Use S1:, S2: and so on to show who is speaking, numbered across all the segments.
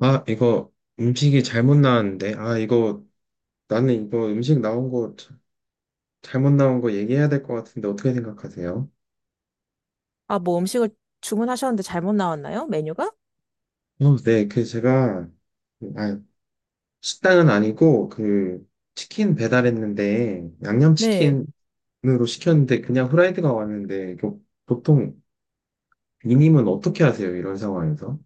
S1: 아, 이거 음식이 잘못 나왔는데. 아, 이거 나는 이거 음식 나온 거 잘못 나온 거 얘기해야 될 것 같은데 어떻게 생각하세요?
S2: 아, 뭐 음식을 주문하셨는데 잘못 나왔나요? 메뉴가?
S1: 어, 네, 그 제가 아, 식당은 아니고 그 치킨 배달했는데
S2: 네.
S1: 양념치킨으로 시켰는데 그냥 후라이드가 왔는데 이거 보통 이님은 어떻게 하세요? 이런 상황에서?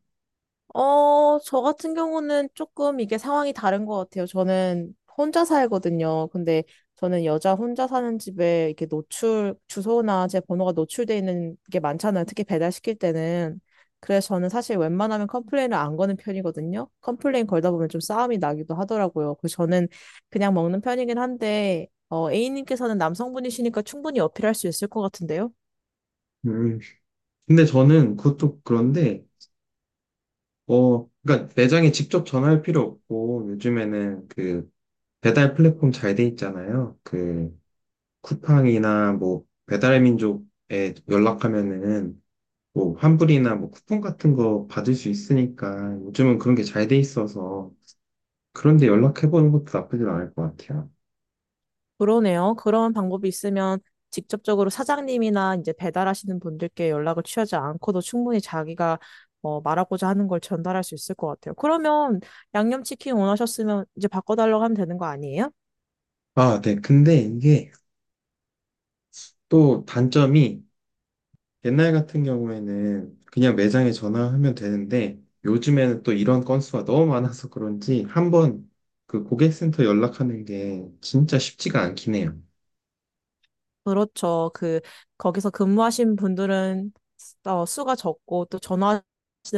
S2: 저 같은 경우는 조금 이게 상황이 다른 것 같아요. 저는 혼자 살거든요. 근데 저는 여자 혼자 사는 집에 이렇게 노출, 주소나 제 번호가 노출돼 있는 게 많잖아요. 특히 배달시킬 때는. 그래서 저는 사실 웬만하면 컴플레인을 안 거는 편이거든요. 컴플레인 걸다 보면 좀 싸움이 나기도 하더라고요. 그래서 저는 그냥 먹는 편이긴 한데, A님께서는 남성분이시니까 충분히 어필할 수 있을 것 같은데요?
S1: 음, 근데 저는 그것도 그런데 그러니까 매장에 직접 전화할 필요 없고 요즘에는 그 배달 플랫폼 잘 돼 있잖아요. 그 쿠팡이나 뭐 배달민족에 연락하면은 뭐 환불이나 뭐 쿠폰 같은 거 받을 수 있으니까 요즘은 그런 게 잘 돼 있어서 그런데 연락해보는 것도 나쁘진 않을 것 같아요.
S2: 그러네요. 그런 방법이 있으면 직접적으로 사장님이나 이제 배달하시는 분들께 연락을 취하지 않고도 충분히 자기가 말하고자 하는 걸 전달할 수 있을 것 같아요. 그러면 양념치킨 원하셨으면 이제 바꿔달라고 하면 되는 거 아니에요?
S1: 아, 네. 근데 이게 또 단점이, 옛날 같은 경우에는 그냥 매장에 전화하면 되는데 요즘에는 또 이런 건수가 너무 많아서 그런지 한번 그 고객센터 연락하는 게 진짜 쉽지가 않긴 해요.
S2: 그렇죠. 그, 거기서 근무하신 분들은 수가 적고 또 전화하시는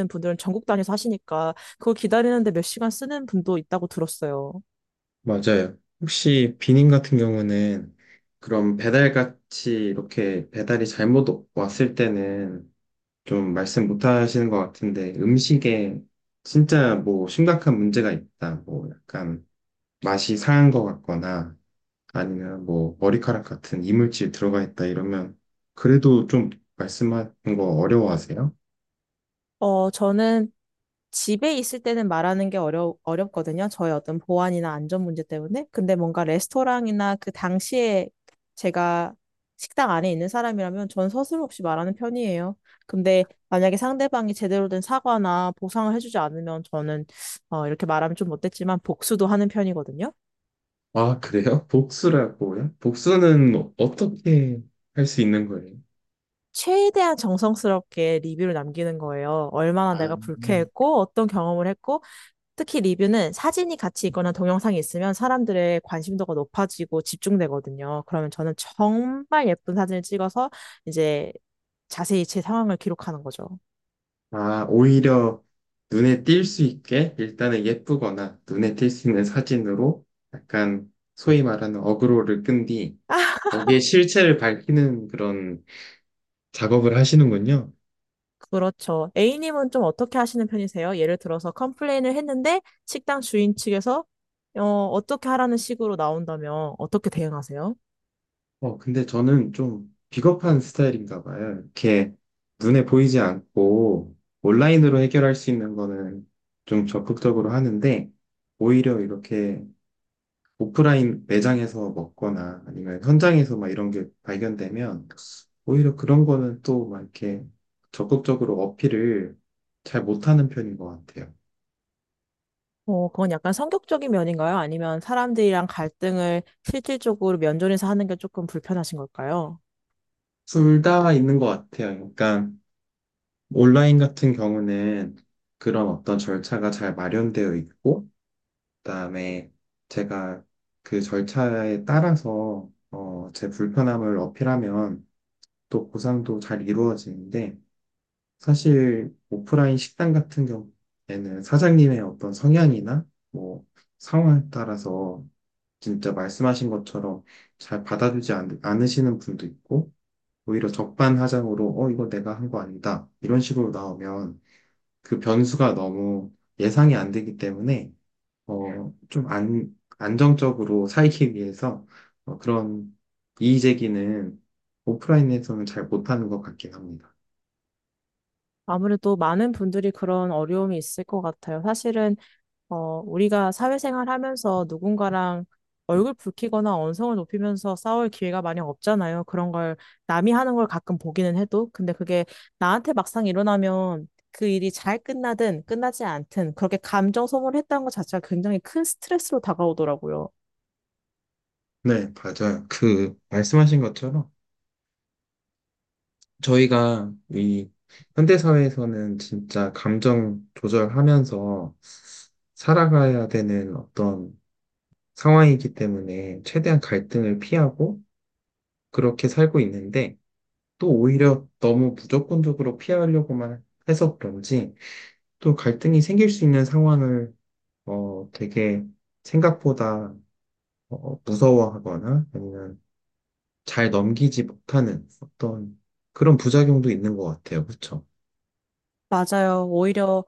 S2: 분들은 전국 단위에서 하시니까 그걸 기다리는데 몇 시간 쓰는 분도 있다고 들었어요.
S1: 맞아요. 혹시 비님 같은 경우는 그럼 배달같이 이렇게 배달이 잘못 왔을 때는 좀 말씀 못 하시는 것 같은데, 음식에 진짜 뭐 심각한 문제가 있다, 뭐 약간 맛이 상한 것 같거나 아니면 뭐 머리카락 같은 이물질 들어가 있다 이러면 그래도 좀 말씀하는 거 어려워하세요?
S2: 저는 집에 있을 때는 말하는 게 어려, 어렵거든요. 저의 어떤 보안이나 안전 문제 때문에. 근데 뭔가 레스토랑이나 그 당시에 제가 식당 안에 있는 사람이라면 전 서슴없이 말하는 편이에요. 근데 만약에 상대방이 제대로 된 사과나 보상을 해주지 않으면 저는 이렇게 말하면 좀 못됐지만 복수도 하는 편이거든요.
S1: 아, 그래요? 복수라고요? 복수는 어떻게 할 수 있는 거예요?
S2: 최대한 정성스럽게 리뷰를 남기는 거예요. 얼마나
S1: 아,
S2: 내가 불쾌했고, 어떤 경험을 했고, 특히 리뷰는 사진이 같이 있거나 동영상이 있으면 사람들의 관심도가 높아지고 집중되거든요. 그러면 저는 정말 예쁜 사진을 찍어서 이제 자세히 제 상황을 기록하는 거죠.
S1: 아, 오히려 눈에 띌 수 있게 일단은 예쁘거나 눈에 띌 수 있는 사진으로 약간 소위 말하는 어그로를 끈 뒤 거기에 실체를 밝히는 그런 작업을 하시는군요.
S2: 그렇죠. A님은 좀 어떻게 하시는 편이세요? 예를 들어서 컴플레인을 했는데 식당 주인 측에서 어, 어떻게 하라는 식으로 나온다면 어떻게 대응하세요?
S1: 근데 저는 좀 비겁한 스타일인가 봐요. 이렇게 눈에 보이지 않고 온라인으로 해결할 수 있는 거는 좀 적극적으로 하는데 오히려 이렇게 오프라인 매장에서 먹거나 아니면 현장에서 막 이런 게 발견되면 오히려 그런 거는 또 막 이렇게 적극적으로 어필을 잘 못하는 편인 것 같아요.
S2: 그건 약간 성격적인 면인가요? 아니면 사람들이랑 갈등을 실질적으로 면전에서 하는 게 조금 불편하신 걸까요?
S1: 둘 다 있는 것 같아요. 그러니까 온라인 같은 경우는 그런 어떤 절차가 잘 마련되어 있고, 그다음에 제가 그 절차에 따라서 제 불편함을 어필하면 또 보상도 잘 이루어지는데, 사실 오프라인 식당 같은 경우에는 사장님의 어떤 성향이나 뭐 상황에 따라서 진짜 말씀하신 것처럼 잘 받아주지 않으시는 분도 있고, 오히려 적반하장으로 이거 내가 한 거 아니다 이런 식으로 나오면 그 변수가 너무 예상이 안 되기 때문에, 어좀 안, 안정적으로 살기 위해서 그런 이의 제기는 오프라인에서는 잘 못하는 것 같긴 합니다.
S2: 아무래도 많은 분들이 그런 어려움이 있을 것 같아요. 사실은, 우리가 사회생활 하면서 누군가랑 얼굴 붉히거나 언성을 높이면서 싸울 기회가 많이 없잖아요. 그런 걸 남이 하는 걸 가끔 보기는 해도. 근데 그게 나한테 막상 일어나면 그 일이 잘 끝나든 끝나지 않든 그렇게 감정 소모를 했다는 것 자체가 굉장히 큰 스트레스로 다가오더라고요.
S1: 네, 맞아요. 그, 말씀하신 것처럼 저희가 이 현대사회에서는 진짜 감정 조절하면서 살아가야 되는 어떤 상황이기 때문에 최대한 갈등을 피하고 그렇게 살고 있는데, 또 오히려 너무 무조건적으로 피하려고만 해서 그런지 또 갈등이 생길 수 있는 상황을 되게 생각보다 무서워하거나 아니면 잘 넘기지 못하는 어떤 그런 부작용도 있는 것 같아요. 그렇죠?
S2: 맞아요. 오히려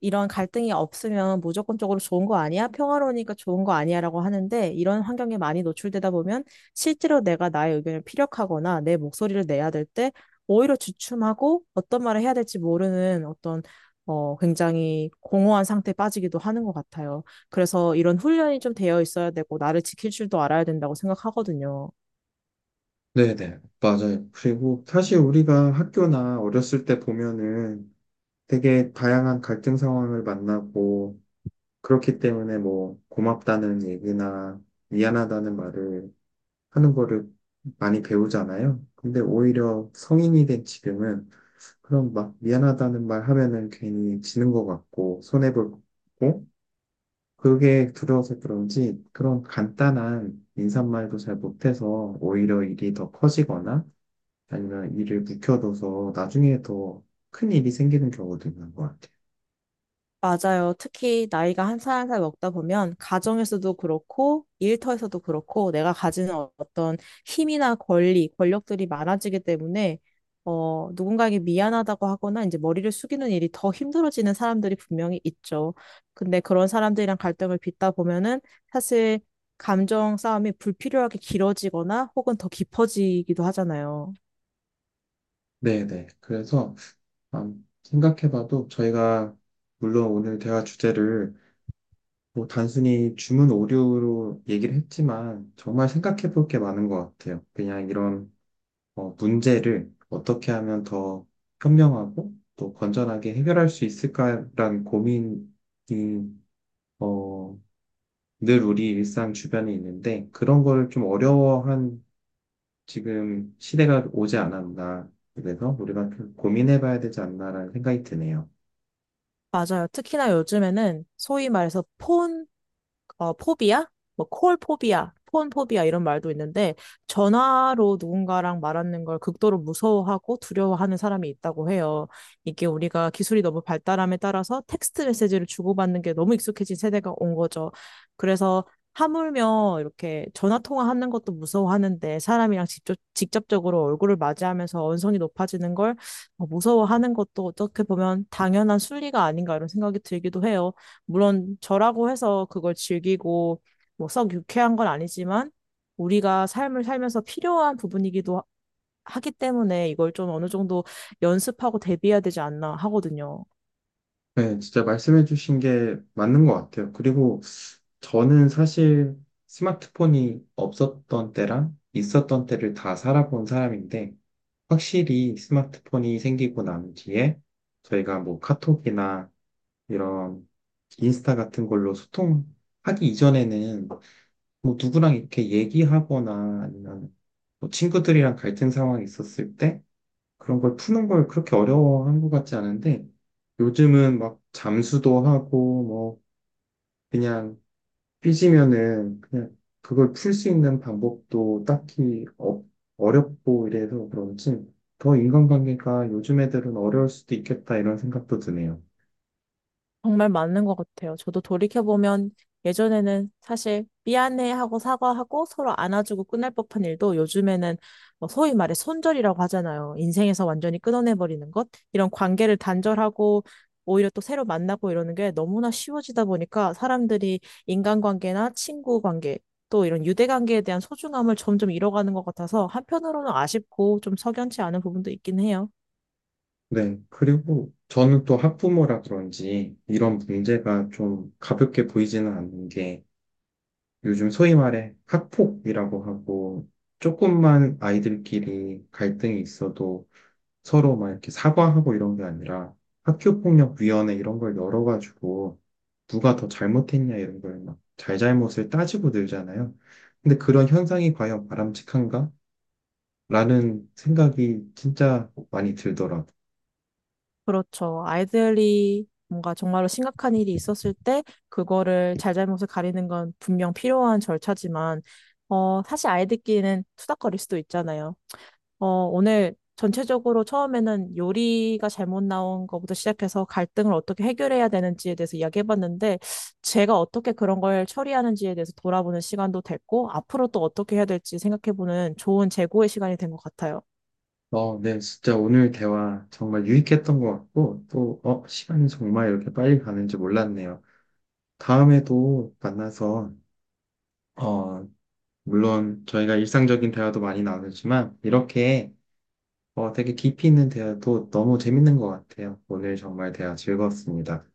S2: 이런 갈등이 없으면 무조건적으로 좋은 거 아니야? 평화로우니까 좋은 거 아니야? 라고 하는데 이런 환경에 많이 노출되다 보면 실제로 내가 나의 의견을 피력하거나 내 목소리를 내야 될 때 오히려 주춤하고 어떤 말을 해야 될지 모르는 어떤 굉장히 공허한 상태에 빠지기도 하는 것 같아요. 그래서 이런 훈련이 좀 되어 있어야 되고 나를 지킬 줄도 알아야 된다고 생각하거든요.
S1: 네네, 맞아요. 그리고 사실 우리가 학교나 어렸을 때 보면은 되게 다양한 갈등 상황을 만나고 그렇기 때문에 뭐 고맙다는 얘기나 미안하다는 말을 하는 거를 많이 배우잖아요. 근데 오히려 성인이 된 지금은 그런 막 미안하다는 말 하면은 괜히 지는 것 같고 손해볼 것 같고, 그게 두려워서 그런지 그런 간단한 인사말도 잘 못해서 오히려 일이 더 커지거나 아니면 일을 묵혀둬서 나중에 더 큰 일이 생기는 경우도 있는 것 같아요.
S2: 맞아요. 특히 나이가 한 살 한 살 먹다 보면 가정에서도 그렇고 일터에서도 그렇고 내가 가지는 어떤 힘이나 권리, 권력들이 많아지기 때문에 누군가에게 미안하다고 하거나 이제 머리를 숙이는 일이 더 힘들어지는 사람들이 분명히 있죠. 근데 그런 사람들이랑 갈등을 빚다 보면은 사실 감정 싸움이 불필요하게 길어지거나 혹은 더 깊어지기도 하잖아요.
S1: 네네. 그래서 생각해봐도 저희가, 물론 오늘 대화 주제를 뭐 단순히 주문 오류로 얘기를 했지만 정말 생각해볼 게 많은 것 같아요. 그냥 이런 문제를 어떻게 하면 더 현명하고 또 건전하게 해결할 수 있을까라는 고민이 어, 늘 우리 일상 주변에 있는데 그런 걸 좀 어려워한 지금 시대가 오지 않았나, 그래서 우리가 좀 고민해봐야 되지 않나라는 생각이 드네요.
S2: 맞아요. 특히나 요즘에는 소위 말해서 폰 포비아? 뭐, 콜 포비아, 폰 포비아 이런 말도 있는데, 전화로 누군가랑 말하는 걸 극도로 무서워하고 두려워하는 사람이 있다고 해요. 이게 우리가 기술이 너무 발달함에 따라서 텍스트 메시지를 주고받는 게 너무 익숙해진 세대가 온 거죠. 그래서 하물며 이렇게 전화 통화하는 것도 무서워하는데 사람이랑 직접적으로 얼굴을 맞이하면서 언성이 높아지는 걸 무서워하는 것도 어떻게 보면 당연한 순리가 아닌가 이런 생각이 들기도 해요. 물론 저라고 해서 그걸 즐기고 뭐 썩 유쾌한 건 아니지만 우리가 삶을 살면서 하기 때문에 이걸 좀 어느 정도 연습하고 대비해야 되지 않나 하거든요.
S1: 네, 진짜 말씀해주신 게 맞는 것 같아요. 그리고 저는 사실 스마트폰이 없었던 때랑 있었던 때를 다 살아본 사람인데, 확실히 스마트폰이 생기고 난 뒤에 저희가 뭐 카톡이나 이런 인스타 같은 걸로 소통하기 이전에는 뭐 누구랑 이렇게 얘기하거나 아니면 뭐 친구들이랑 갈등 상황이 있었을 때 그런 걸 푸는 걸 그렇게 어려워한 것 같지 않은데, 요즘은 막 잠수도 하고 뭐 그냥 삐지면은 그냥 그걸 풀 수 있는 방법도 딱히 어렵고 이래서 그런지 더 인간관계가 요즘 애들은 어려울 수도 있겠다 이런 생각도 드네요.
S2: 정말 맞는 것 같아요. 저도 돌이켜보면 예전에는 사실 미안해하고 사과하고 서로 안아주고 끝날 법한 일도 요즘에는 뭐 소위 말해 손절이라고 하잖아요. 인생에서 완전히 끊어내버리는 것. 이런 관계를 단절하고 오히려 또 새로 만나고 이러는 게 너무나 쉬워지다 보니까 사람들이 인간관계나 친구 관계 또 이런 유대관계에 대한 소중함을 점점 잃어가는 것 같아서 한편으로는 아쉽고 좀 석연치 않은 부분도 있긴 해요.
S1: 네. 그리고 저는 또 학부모라 그런지 이런 문제가 좀 가볍게 보이지는 않는 게, 요즘 소위 말해 학폭이라고 하고 조금만 아이들끼리 갈등이 있어도 서로 막 이렇게 사과하고 이런 게 아니라 학교폭력위원회 이런 걸 열어가지고 누가 더 잘못했냐 이런 걸 막 잘잘못을 따지고 늘잖아요. 근데 그런 현상이 과연 바람직한가? 라는 생각이 진짜 많이 들더라고요.
S2: 그렇죠. 아이들이 뭔가 정말로 심각한 일이 있었을 때 그거를 잘잘못을 가리는 건 분명 필요한 절차지만 어 사실 아이들끼리는 투닥거릴 수도 있잖아요. 어 오늘 전체적으로 처음에는 요리가 잘못 나온 것부터 시작해서 갈등을 어떻게 해결해야 되는지에 대해서 이야기해봤는데 제가 어떻게 그런 걸 처리하는지에 대해서 돌아보는 시간도 됐고 앞으로 또 어떻게 해야 될지 생각해보는 좋은 재고의 시간이 된 것 같아요.
S1: 어, 네, 진짜 오늘 대화 정말 유익했던 것 같고, 또, 시간이 정말 이렇게 빨리 가는지 몰랐네요. 다음에도 만나서 어, 물론 저희가 일상적인 대화도 많이 나누지만, 이렇게 되게 깊이 있는 대화도 너무 재밌는 것 같아요. 오늘 정말 대화 즐거웠습니다.